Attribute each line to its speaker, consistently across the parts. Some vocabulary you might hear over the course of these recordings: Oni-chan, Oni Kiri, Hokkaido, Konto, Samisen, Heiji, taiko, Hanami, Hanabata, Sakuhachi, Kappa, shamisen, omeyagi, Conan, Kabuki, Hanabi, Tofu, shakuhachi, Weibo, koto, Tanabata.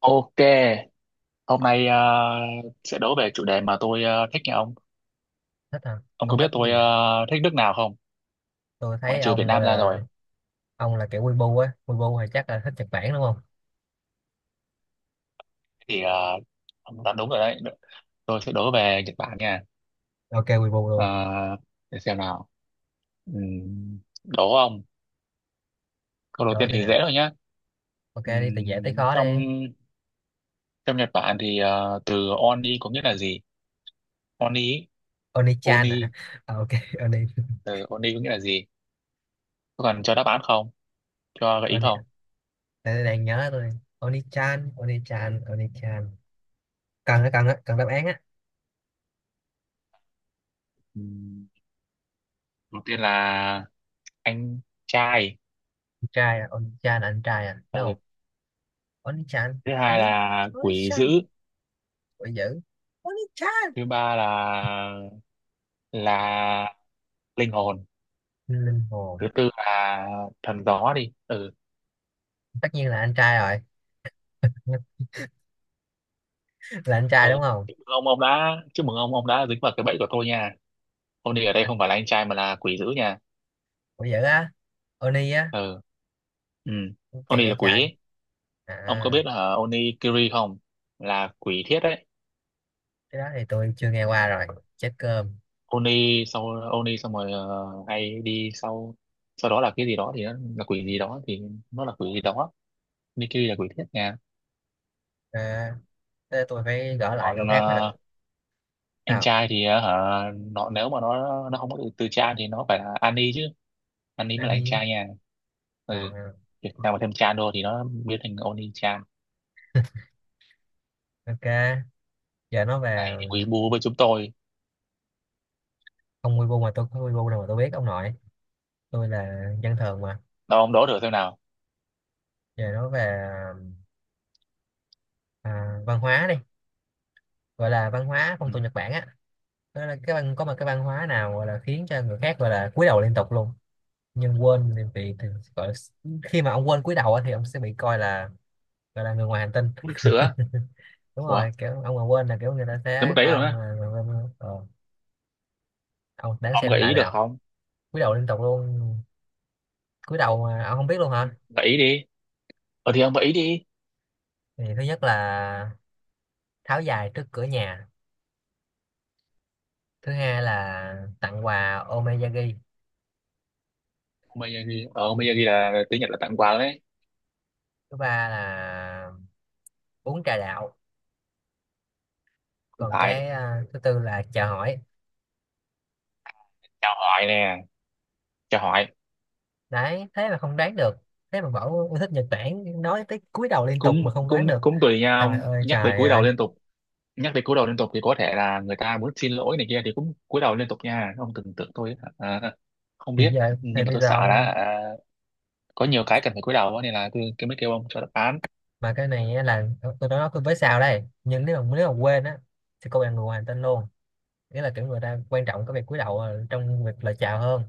Speaker 1: Ok, hôm nay sẽ đố về chủ đề mà tôi thích nha ông.
Speaker 2: Thích hả?
Speaker 1: Ông có
Speaker 2: Ông
Speaker 1: biết
Speaker 2: thích cái gì
Speaker 1: tôi
Speaker 2: vậy?
Speaker 1: thích nước nào không?
Speaker 2: Tôi
Speaker 1: Ngoại
Speaker 2: thấy
Speaker 1: trừ Việt
Speaker 2: ông gọi
Speaker 1: Nam ra
Speaker 2: là
Speaker 1: rồi.
Speaker 2: ông là kiểu Weibo á. Weibo thì chắc là thích Nhật Bản đúng không?
Speaker 1: Thì ông đoán đúng rồi đấy. Tôi sẽ đố về Nhật Bản nha.
Speaker 2: Ok, Weibo
Speaker 1: Ờ,
Speaker 2: luôn.
Speaker 1: để xem nào. Đố ông. Câu đầu
Speaker 2: Đó
Speaker 1: tiên
Speaker 2: thì
Speaker 1: thì
Speaker 2: nè,
Speaker 1: dễ thôi nhá.
Speaker 2: ok, đi từ dễ tới khó
Speaker 1: Trong
Speaker 2: đi.
Speaker 1: Trong Nhật Bản thì từ Oni có nghĩa là gì? Oni,
Speaker 2: Oni-chan à,
Speaker 1: Oni,
Speaker 2: à ok. Oni.
Speaker 1: từ Oni có nghĩa là gì? Có cần cho đáp án không? Cho gợi ý
Speaker 2: Oni
Speaker 1: không?
Speaker 2: đang nhớ tôi. Oni-chan, Oni-chan, Oni-chan. Cần á, cần á, cần đáp án á.
Speaker 1: Ừm, Đầu tiên là anh trai.
Speaker 2: Con trai à? Oni-chan là anh trai à? No.
Speaker 1: Ừ,
Speaker 2: Oni-chan.
Speaker 1: thứ hai
Speaker 2: Oni.
Speaker 1: là quỷ dữ,
Speaker 2: Oni-chan. Ôi dữ. Oni-chan.
Speaker 1: thứ ba là là linh hồn,
Speaker 2: Linh hồn.
Speaker 1: thứ tư là thần gió đi, ừ
Speaker 2: Tất nhiên là anh trai rồi. Là anh trai
Speaker 1: ờ.
Speaker 2: đúng không?
Speaker 1: Chúc mừng ông, ông đã dính vào cái bẫy của tôi nha. Ông đi ở đây không phải là anh trai mà là quỷ dữ nha.
Speaker 2: Ủa, dữ á? Oni á?
Speaker 1: Ừ, ừ, ông
Speaker 2: Kỳ
Speaker 1: là
Speaker 2: vậy
Speaker 1: quỷ
Speaker 2: trời.
Speaker 1: ấy. Ông có
Speaker 2: À,
Speaker 1: biết là Oni Kiri không, là quỷ thiết đấy.
Speaker 2: cái đó thì tôi chưa nghe qua rồi. Chết cơm.
Speaker 1: Oni sau Oni xong rồi ờ, hay đi sau sau đó là cái gì đó thì là quỷ gì đó thì nó là quỷ gì đó. Oni Kiri là quỷ thiết nha.
Speaker 2: À, thế tôi phải gỡ lại câu
Speaker 1: Còn
Speaker 2: khác mới được.
Speaker 1: anh
Speaker 2: Sao?
Speaker 1: trai thì hả, nó nếu mà nó không có từ, từ cha thì nó phải là Annie chứ, Annie mới
Speaker 2: Anh
Speaker 1: là anh
Speaker 2: đi.
Speaker 1: trai nha. Ừ,
Speaker 2: À,
Speaker 1: việc nào mà thêm chan vô thì nó biến thành Oni chan.
Speaker 2: ok. Giờ nói về
Speaker 1: Này thì quý bu với chúng tôi.
Speaker 2: ông Weibo, mà tôi không Weibo đâu mà tôi biết ông nội. Tôi là dân thường mà.
Speaker 1: Đâu ông đố thử xem nào.
Speaker 2: Giờ nói về à, văn hóa đi. Gọi là văn hóa phong
Speaker 1: Ừ.
Speaker 2: tục Nhật Bản á. Đó là cái văn, có một cái văn hóa nào gọi là khiến cho người khác gọi là cúi đầu liên tục luôn. Nhưng quên thì, vì thì, Gọi là, khi mà ông quên cúi đầu á, thì ông sẽ bị coi là, gọi là người ngoài hành tinh.
Speaker 1: Mức lịch sự á.
Speaker 2: Đúng
Speaker 1: Ủa,
Speaker 2: rồi, kiểu ông mà quên là kiểu người ta
Speaker 1: tới mức
Speaker 2: sẽ
Speaker 1: đấy
Speaker 2: coi
Speaker 1: rồi
Speaker 2: ông
Speaker 1: á?
Speaker 2: là người bên ông đáng
Speaker 1: Ông
Speaker 2: xem
Speaker 1: gợi
Speaker 2: lại
Speaker 1: ý được
Speaker 2: nào.
Speaker 1: không?
Speaker 2: Cúi đầu liên tục luôn. Cúi đầu mà ông không biết luôn hả?
Speaker 1: Gợi ý đi. Ờ thì ông gợi ý đi.
Speaker 2: Thì thứ nhất là tháo giày trước cửa nhà. Thứ hai là tặng quà omeyagi.
Speaker 1: Ông bây giờ ghi là tiếng Nhật là tặng quà đấy.
Speaker 2: Thứ ba là uống trà đạo.
Speaker 1: Không
Speaker 2: Còn
Speaker 1: phải.
Speaker 2: cái thứ tư là chào hỏi.
Speaker 1: Chào hỏi nè, chào hỏi.
Speaker 2: Đấy, thế mà không đoán được. Thế mà bảo yêu thích Nhật Bản, nói tới cúi đầu liên tục mà
Speaker 1: cũng
Speaker 2: không đoán
Speaker 1: cũng
Speaker 2: được.
Speaker 1: cũng tùy nha
Speaker 2: Trời
Speaker 1: ông.
Speaker 2: ơi,
Speaker 1: Nhắc tới
Speaker 2: trời
Speaker 1: cúi đầu
Speaker 2: ơi.
Speaker 1: liên tục, nhắc đến cúi đầu liên tục thì có thể là người ta muốn xin lỗi này kia thì cũng cúi đầu liên tục nha. Ông tưởng tượng tôi không
Speaker 2: thì
Speaker 1: biết.
Speaker 2: giờ thì
Speaker 1: Nhưng mà
Speaker 2: bây
Speaker 1: tôi
Speaker 2: giờ
Speaker 1: sợ là
Speaker 2: ông,
Speaker 1: có nhiều cái cần phải cúi đầu á, nên là tôi mới kêu ông cho đáp án.
Speaker 2: mà cái này á là tôi nói với sao đây, nhưng nếu mà quên á thì cô bạn người ngoài tên luôn. Nghĩa là kiểu người ta quan trọng cái việc cúi đầu trong việc lời chào hơn.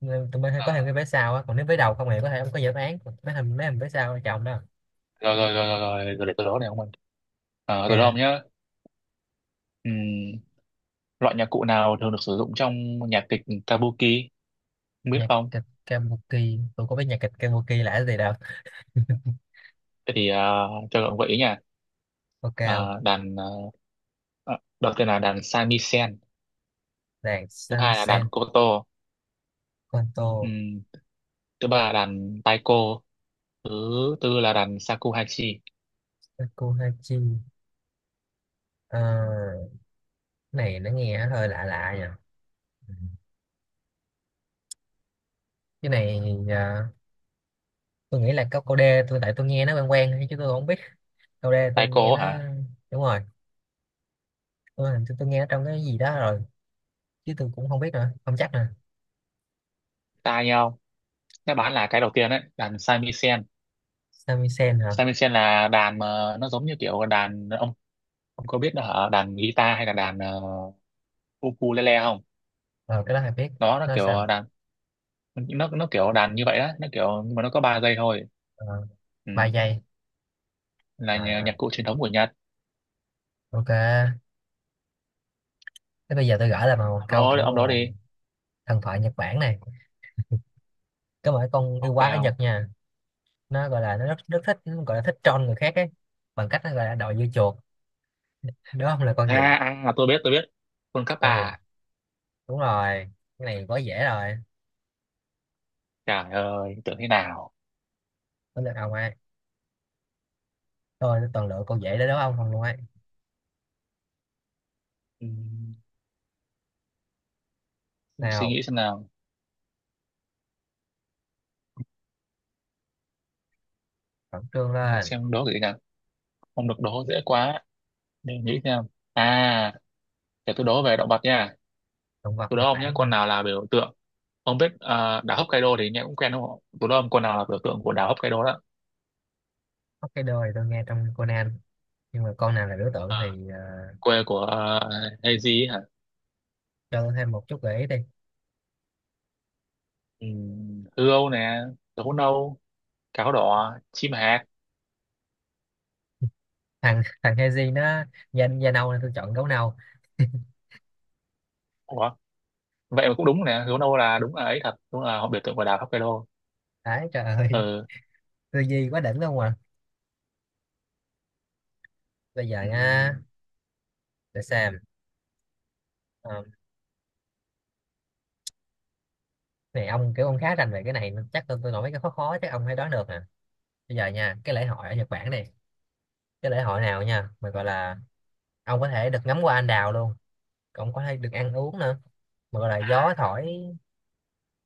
Speaker 2: Nên tụi mình hay
Speaker 1: À,
Speaker 2: có thêm cái vé sau á, còn nếu vé đầu không thì có thể không có dự án mấy hình, mấy hình vé sau chồng đó.
Speaker 1: rồi rồi rồi rồi, rồi, rồi để tôi đó này ông ơi. Tôi đó ông
Speaker 2: Ok.
Speaker 1: nhá. Ừm, Loại nhạc cụ nào thường được sử dụng trong nhạc kịch Kabuki, không biết
Speaker 2: Nhạc
Speaker 1: không?
Speaker 2: kịch Kabuki. Tôi có biết nhạc kịch Kabuki là gì đâu.
Speaker 1: Thế thì cho ông gợi ý nha.
Speaker 2: Ok không.
Speaker 1: À, đàn à, Đầu tiên là đàn shamisen,
Speaker 2: Đàn
Speaker 1: thứ hai là
Speaker 2: Samisen.
Speaker 1: đàn koto,
Speaker 2: Konto.
Speaker 1: thứ ba là đàn taiko, thứ tư là đàn shakuhachi.
Speaker 2: Sakuhachi. Ờ, cái này nó nghe hơi lạ lạ nhỉ. Cái này ờ, tôi nghĩ là có cô d, tôi tại tôi nghe nó quen quen thôi chứ tôi không biết đâu. Đây tôi nghe
Speaker 1: Taiko
Speaker 2: nó.
Speaker 1: hả?
Speaker 2: Đúng rồi, tôi hình như tôi nghe nó trong cái gì đó rồi chứ tôi cũng không biết nữa, không chắc nữa.
Speaker 1: Ta nhau, nó bán là cái đầu tiên đấy, đàn samisen.
Speaker 2: Sami. Hả?
Speaker 1: Samisen là đàn mà nó giống như kiểu đàn ông có biết nó hả, đàn guitar hay là đàn uh, ukulele không.
Speaker 2: Ờ, cái đó hay biết.
Speaker 1: nó nó
Speaker 2: Nó sao?
Speaker 1: kiểu đàn nó nó kiểu đàn như vậy đó, nó kiểu nhưng mà nó có ba dây thôi.
Speaker 2: Ờ, ba
Speaker 1: Ừ.
Speaker 2: giây.
Speaker 1: Là
Speaker 2: À,
Speaker 1: nhạc cụ truyền thống của Nhật.
Speaker 2: ok. Thế bây giờ tôi gửi lại bằng một câu
Speaker 1: Ông
Speaker 2: kiểu
Speaker 1: đó
Speaker 2: là
Speaker 1: đi.
Speaker 2: thần thoại Nhật Bản này, có một cái con yêu
Speaker 1: Ok
Speaker 2: quái ở
Speaker 1: không.
Speaker 2: Nhật nha. Nó gọi là, nó rất rất thích, nó gọi là thích troll người khác ấy, bằng cách nó gọi là đòi dưa chuột. Đúng không? Là con gì?
Speaker 1: à, À, tôi biết, tôi biết. Quân cấp
Speaker 2: Con gì?
Speaker 1: Kappa.
Speaker 2: Đúng rồi, cái này quá dễ rồi.
Speaker 1: Trời ơi, tưởng thế nào.
Speaker 2: Có lượt ông ai. Tôi toàn lựa con dễ để đúng ông không luôn ấy.
Speaker 1: Ừ. Suy
Speaker 2: Sao?
Speaker 1: nghĩ xem nào.
Speaker 2: Khẩn trương
Speaker 1: Để
Speaker 2: lên.
Speaker 1: xem đố cái gì nhỉ, không được đố dễ quá, để nghĩ xem. À, để tôi đố về động vật nha.
Speaker 2: Động vật
Speaker 1: Tôi đố
Speaker 2: Nhật
Speaker 1: ông nhé,
Speaker 2: Bản
Speaker 1: con
Speaker 2: hả?
Speaker 1: nào là biểu tượng, ông biết đảo Hokkaido thì nghe cũng quen đúng không, tôi đố ông con nào là biểu tượng của đảo Hokkaido đó.
Speaker 2: Hokkaido thì tôi nghe trong Conan, nhưng mà con nào là biểu tượng thì ờ,
Speaker 1: Quê của Heiji hả.
Speaker 2: cho tôi thêm một chút gợi ý đi.
Speaker 1: Hươu Âu nè, gấu nâu, cáo đỏ, chim hạc.
Speaker 2: Thằng thằng Heiji nó da nâu nên tôi chọn gấu nâu.
Speaker 1: Ủa? Vậy mà cũng đúng nè, hươu nâu là đúng, là ấy, thật đúng là họ biểu tượng của đảo Hokkaido.
Speaker 2: Đấy, trời ơi.
Speaker 1: Ừ.
Speaker 2: Tư duy quá đỉnh luôn à. Bây giờ nha,
Speaker 1: Ừm.
Speaker 2: để xem. Ờ, này ông kiểu ông khá rành về cái này nên chắc tôi nói mấy cái khó khó chắc ông phải đoán được nè. Bây giờ nha, cái lễ hội ở Nhật Bản này, cái lễ hội nào nha mà gọi là ông có thể được ngắm hoa anh đào luôn, ông có thể được ăn uống nữa, mà gọi là gió thổi.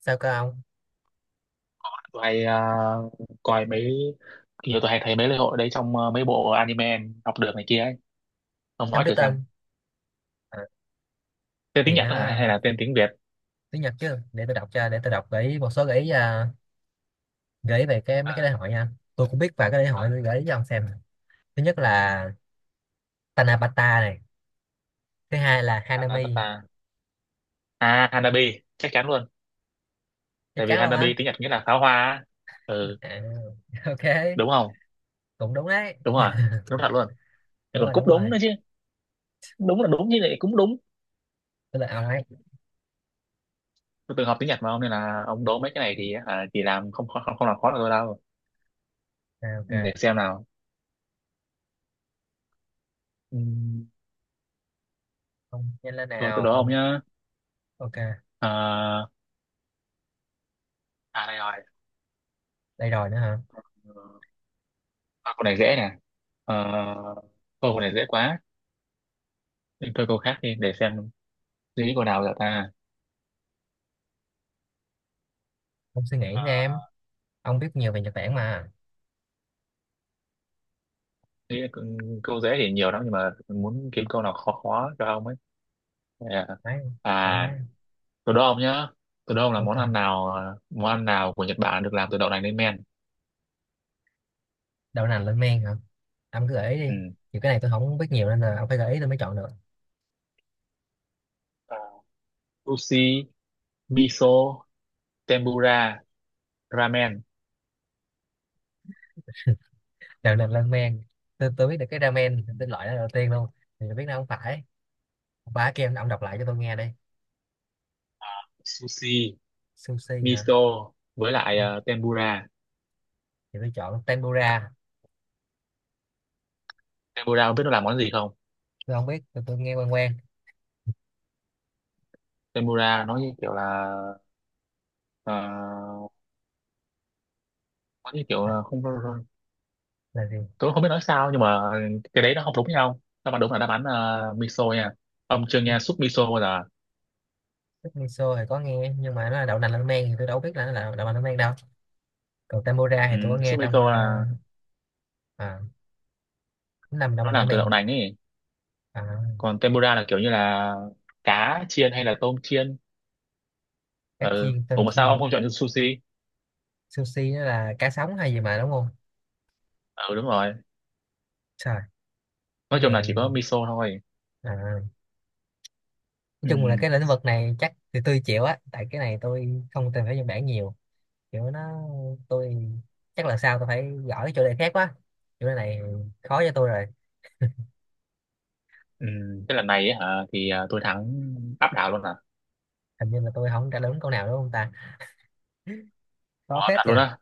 Speaker 2: Sao cơ ông?
Speaker 1: Tụi hay à, coi mấy nhiều tụi hay thấy mấy lễ hội đấy trong mấy bộ anime học được này kia ấy. Ông
Speaker 2: Không
Speaker 1: nói
Speaker 2: biết
Speaker 1: thử xem.
Speaker 2: tên. Ờ,
Speaker 1: Tên tiếng
Speaker 2: thì
Speaker 1: Nhật
Speaker 2: nó
Speaker 1: đó hả hay là tên tiếng Việt?
Speaker 2: tiếng Nhật chứ, để tôi đọc cho, để tôi đọc gợi ý, một số gợi ý à, gợi ý về cái mấy
Speaker 1: à,
Speaker 2: cái lễ hội nha. Tôi cũng biết vài cái lễ
Speaker 1: à,
Speaker 2: hội, tôi gợi ý cho ông xem nè. Thứ nhất là Tanabata này. Thứ hai là Hanami.
Speaker 1: Hanabata, à, Hanabi chắc chắn luôn.
Speaker 2: Chắc
Speaker 1: Tại vì
Speaker 2: chắn luôn á.
Speaker 1: Hanabi tiếng Nhật nghĩa là pháo hoa á. Ừ,
Speaker 2: À, ok.
Speaker 1: đúng không.
Speaker 2: Cũng đúng đấy.
Speaker 1: Đúng rồi, đúng thật luôn. Lại
Speaker 2: Đúng
Speaker 1: còn
Speaker 2: rồi,
Speaker 1: cúp
Speaker 2: đúng
Speaker 1: đúng
Speaker 2: rồi.
Speaker 1: nữa chứ, đúng là đúng chứ lại cũng đúng.
Speaker 2: Tôi là ông ấy.
Speaker 1: Tôi từng học tiếng Nhật mà ông, nên là ông đố mấy cái này thì chỉ làm không không không làm khó được tôi đâu.
Speaker 2: À, ok.
Speaker 1: Ừ, để xem nào. Ừm,
Speaker 2: Ông nhanh lên
Speaker 1: Rồi tôi
Speaker 2: nào
Speaker 1: đố
Speaker 2: ông.
Speaker 1: ông nhá.
Speaker 2: Ok.
Speaker 1: à, Đây
Speaker 2: Đây rồi nữa hả.
Speaker 1: rồi. À, câu này dễ nè. Ờ, câu này dễ quá. Mình thôi câu khác đi, để xem suy nghĩ câu nào giờ ta.
Speaker 2: Ông suy nghĩ nha em. Ông biết nhiều về Nhật Bản mà.
Speaker 1: Nghĩ là câu câu dễ thì nhiều lắm nhưng mà muốn kiếm câu nào khó khó cho ông ấy. À,
Speaker 2: Đấy, ông ấy.
Speaker 1: à từ đô ông nhá. Từ đô ông là món ăn
Speaker 2: Ok.
Speaker 1: nào, món ăn nào của Nhật Bản được làm từ đậu nành lên men.
Speaker 2: Đậu nành lên men hả? Ông cứ gợi ý đi.
Speaker 1: Ừ.
Speaker 2: Nhiều cái này tôi không biết nhiều nên là ông phải gợi ý tôi mới chọn được.
Speaker 1: À, sushi, miso, tempura, ramen.
Speaker 2: Đợt làm ramen, tôi biết được cái ramen
Speaker 1: Ừ.
Speaker 2: tên loại đó đầu tiên luôn, thì tôi biết nó không phải. Ba kem ông đọc lại cho tôi nghe đây.
Speaker 1: Sushi,
Speaker 2: Sushi hả?
Speaker 1: miso với lại
Speaker 2: Ừ,
Speaker 1: tempura.
Speaker 2: thì tôi chọn tempura.
Speaker 1: Tempura ông biết nó làm món gì không?
Speaker 2: Tôi không biết, tôi nghe quen quen.
Speaker 1: Tempura nó như kiểu là, ờ, có cái kiểu
Speaker 2: là,
Speaker 1: là không,
Speaker 2: là gì?
Speaker 1: tôi không biết nói sao nhưng mà cái đấy nó không đúng nhau, đáp án đúng là đáp án miso nha. Ông chưa
Speaker 2: Ừ,
Speaker 1: nghe súp miso bao giờ?
Speaker 2: tức miso thì có nghe nhưng mà nó là đậu nành ramen thì tôi đâu biết là nó là đậu nành ramen đâu. Còn tempura
Speaker 1: Ừ,
Speaker 2: thì tôi có nghe
Speaker 1: súp
Speaker 2: trong
Speaker 1: miso
Speaker 2: à,
Speaker 1: là
Speaker 2: à, nó nằm đậu
Speaker 1: nó
Speaker 2: nành
Speaker 1: làm từ đậu
Speaker 2: ramen.
Speaker 1: nành ấy.
Speaker 2: À,
Speaker 1: Còn tempura là kiểu như là cá chiên hay là tôm chiên.
Speaker 2: cá
Speaker 1: Ừ.
Speaker 2: chiên tôm
Speaker 1: Ủa mà sao
Speaker 2: chiên.
Speaker 1: ông không chọn sushi?
Speaker 2: Sushi nó là cá sống hay gì mà đúng không?
Speaker 1: Ừ đúng rồi.
Speaker 2: Trời, cái
Speaker 1: Nói chung
Speaker 2: này
Speaker 1: là chỉ có miso thôi.
Speaker 2: à, nói
Speaker 1: Ừ.
Speaker 2: chung là cái lĩnh vực này chắc thì tôi chịu á, tại cái này tôi không tìm hiểu Nhật Bản nhiều. Kiểu nó, tôi chắc là sau tôi phải gõ cái chủ đề khác quá. Chủ đề này khó cho tôi rồi.
Speaker 1: Ừ. Cái lần này ấy, hả, thì tôi thắng áp đảo luôn à.
Speaker 2: Hình như là tôi không trả lời đúng câu nào đúng không ta? Khó
Speaker 1: Ủa,
Speaker 2: phết
Speaker 1: thật luôn
Speaker 2: nha.
Speaker 1: á?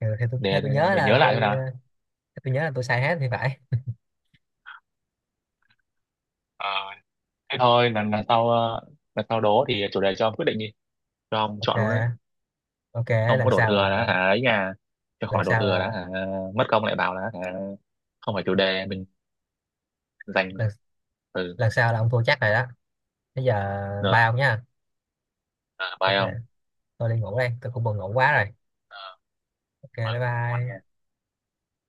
Speaker 2: Tôi, theo
Speaker 1: Để,
Speaker 2: tôi nhớ
Speaker 1: để nhớ
Speaker 2: là
Speaker 1: lại
Speaker 2: tôi
Speaker 1: thôi
Speaker 2: ờ,
Speaker 1: nào.
Speaker 2: theo tôi nhớ là tôi sai hết thì phải.
Speaker 1: Ờ, thế thôi, lần lần sau lần sau đố thì chủ đề cho ông quyết định đi, cho ông chọn luôn đấy.
Speaker 2: Ok, ok.
Speaker 1: Không có
Speaker 2: Lần
Speaker 1: đổ
Speaker 2: sau
Speaker 1: thừa đã
Speaker 2: là,
Speaker 1: hả ấy nhà, cho
Speaker 2: lần
Speaker 1: khỏi đổ
Speaker 2: sau
Speaker 1: thừa
Speaker 2: là,
Speaker 1: đã hả, mất công lại bảo là hả không phải chủ đề mình, dành
Speaker 2: lần,
Speaker 1: từ
Speaker 2: lần sau là ông thua chắc rồi đó. Bây giờ
Speaker 1: giờ
Speaker 2: bye ông nha. Ok,
Speaker 1: bye ông.
Speaker 2: tôi đi ngủ đây, tôi cũng buồn ngủ quá rồi.
Speaker 1: Ờ,
Speaker 2: Ok,
Speaker 1: thôi
Speaker 2: bye
Speaker 1: ngủ ngon
Speaker 2: bye.
Speaker 1: nha.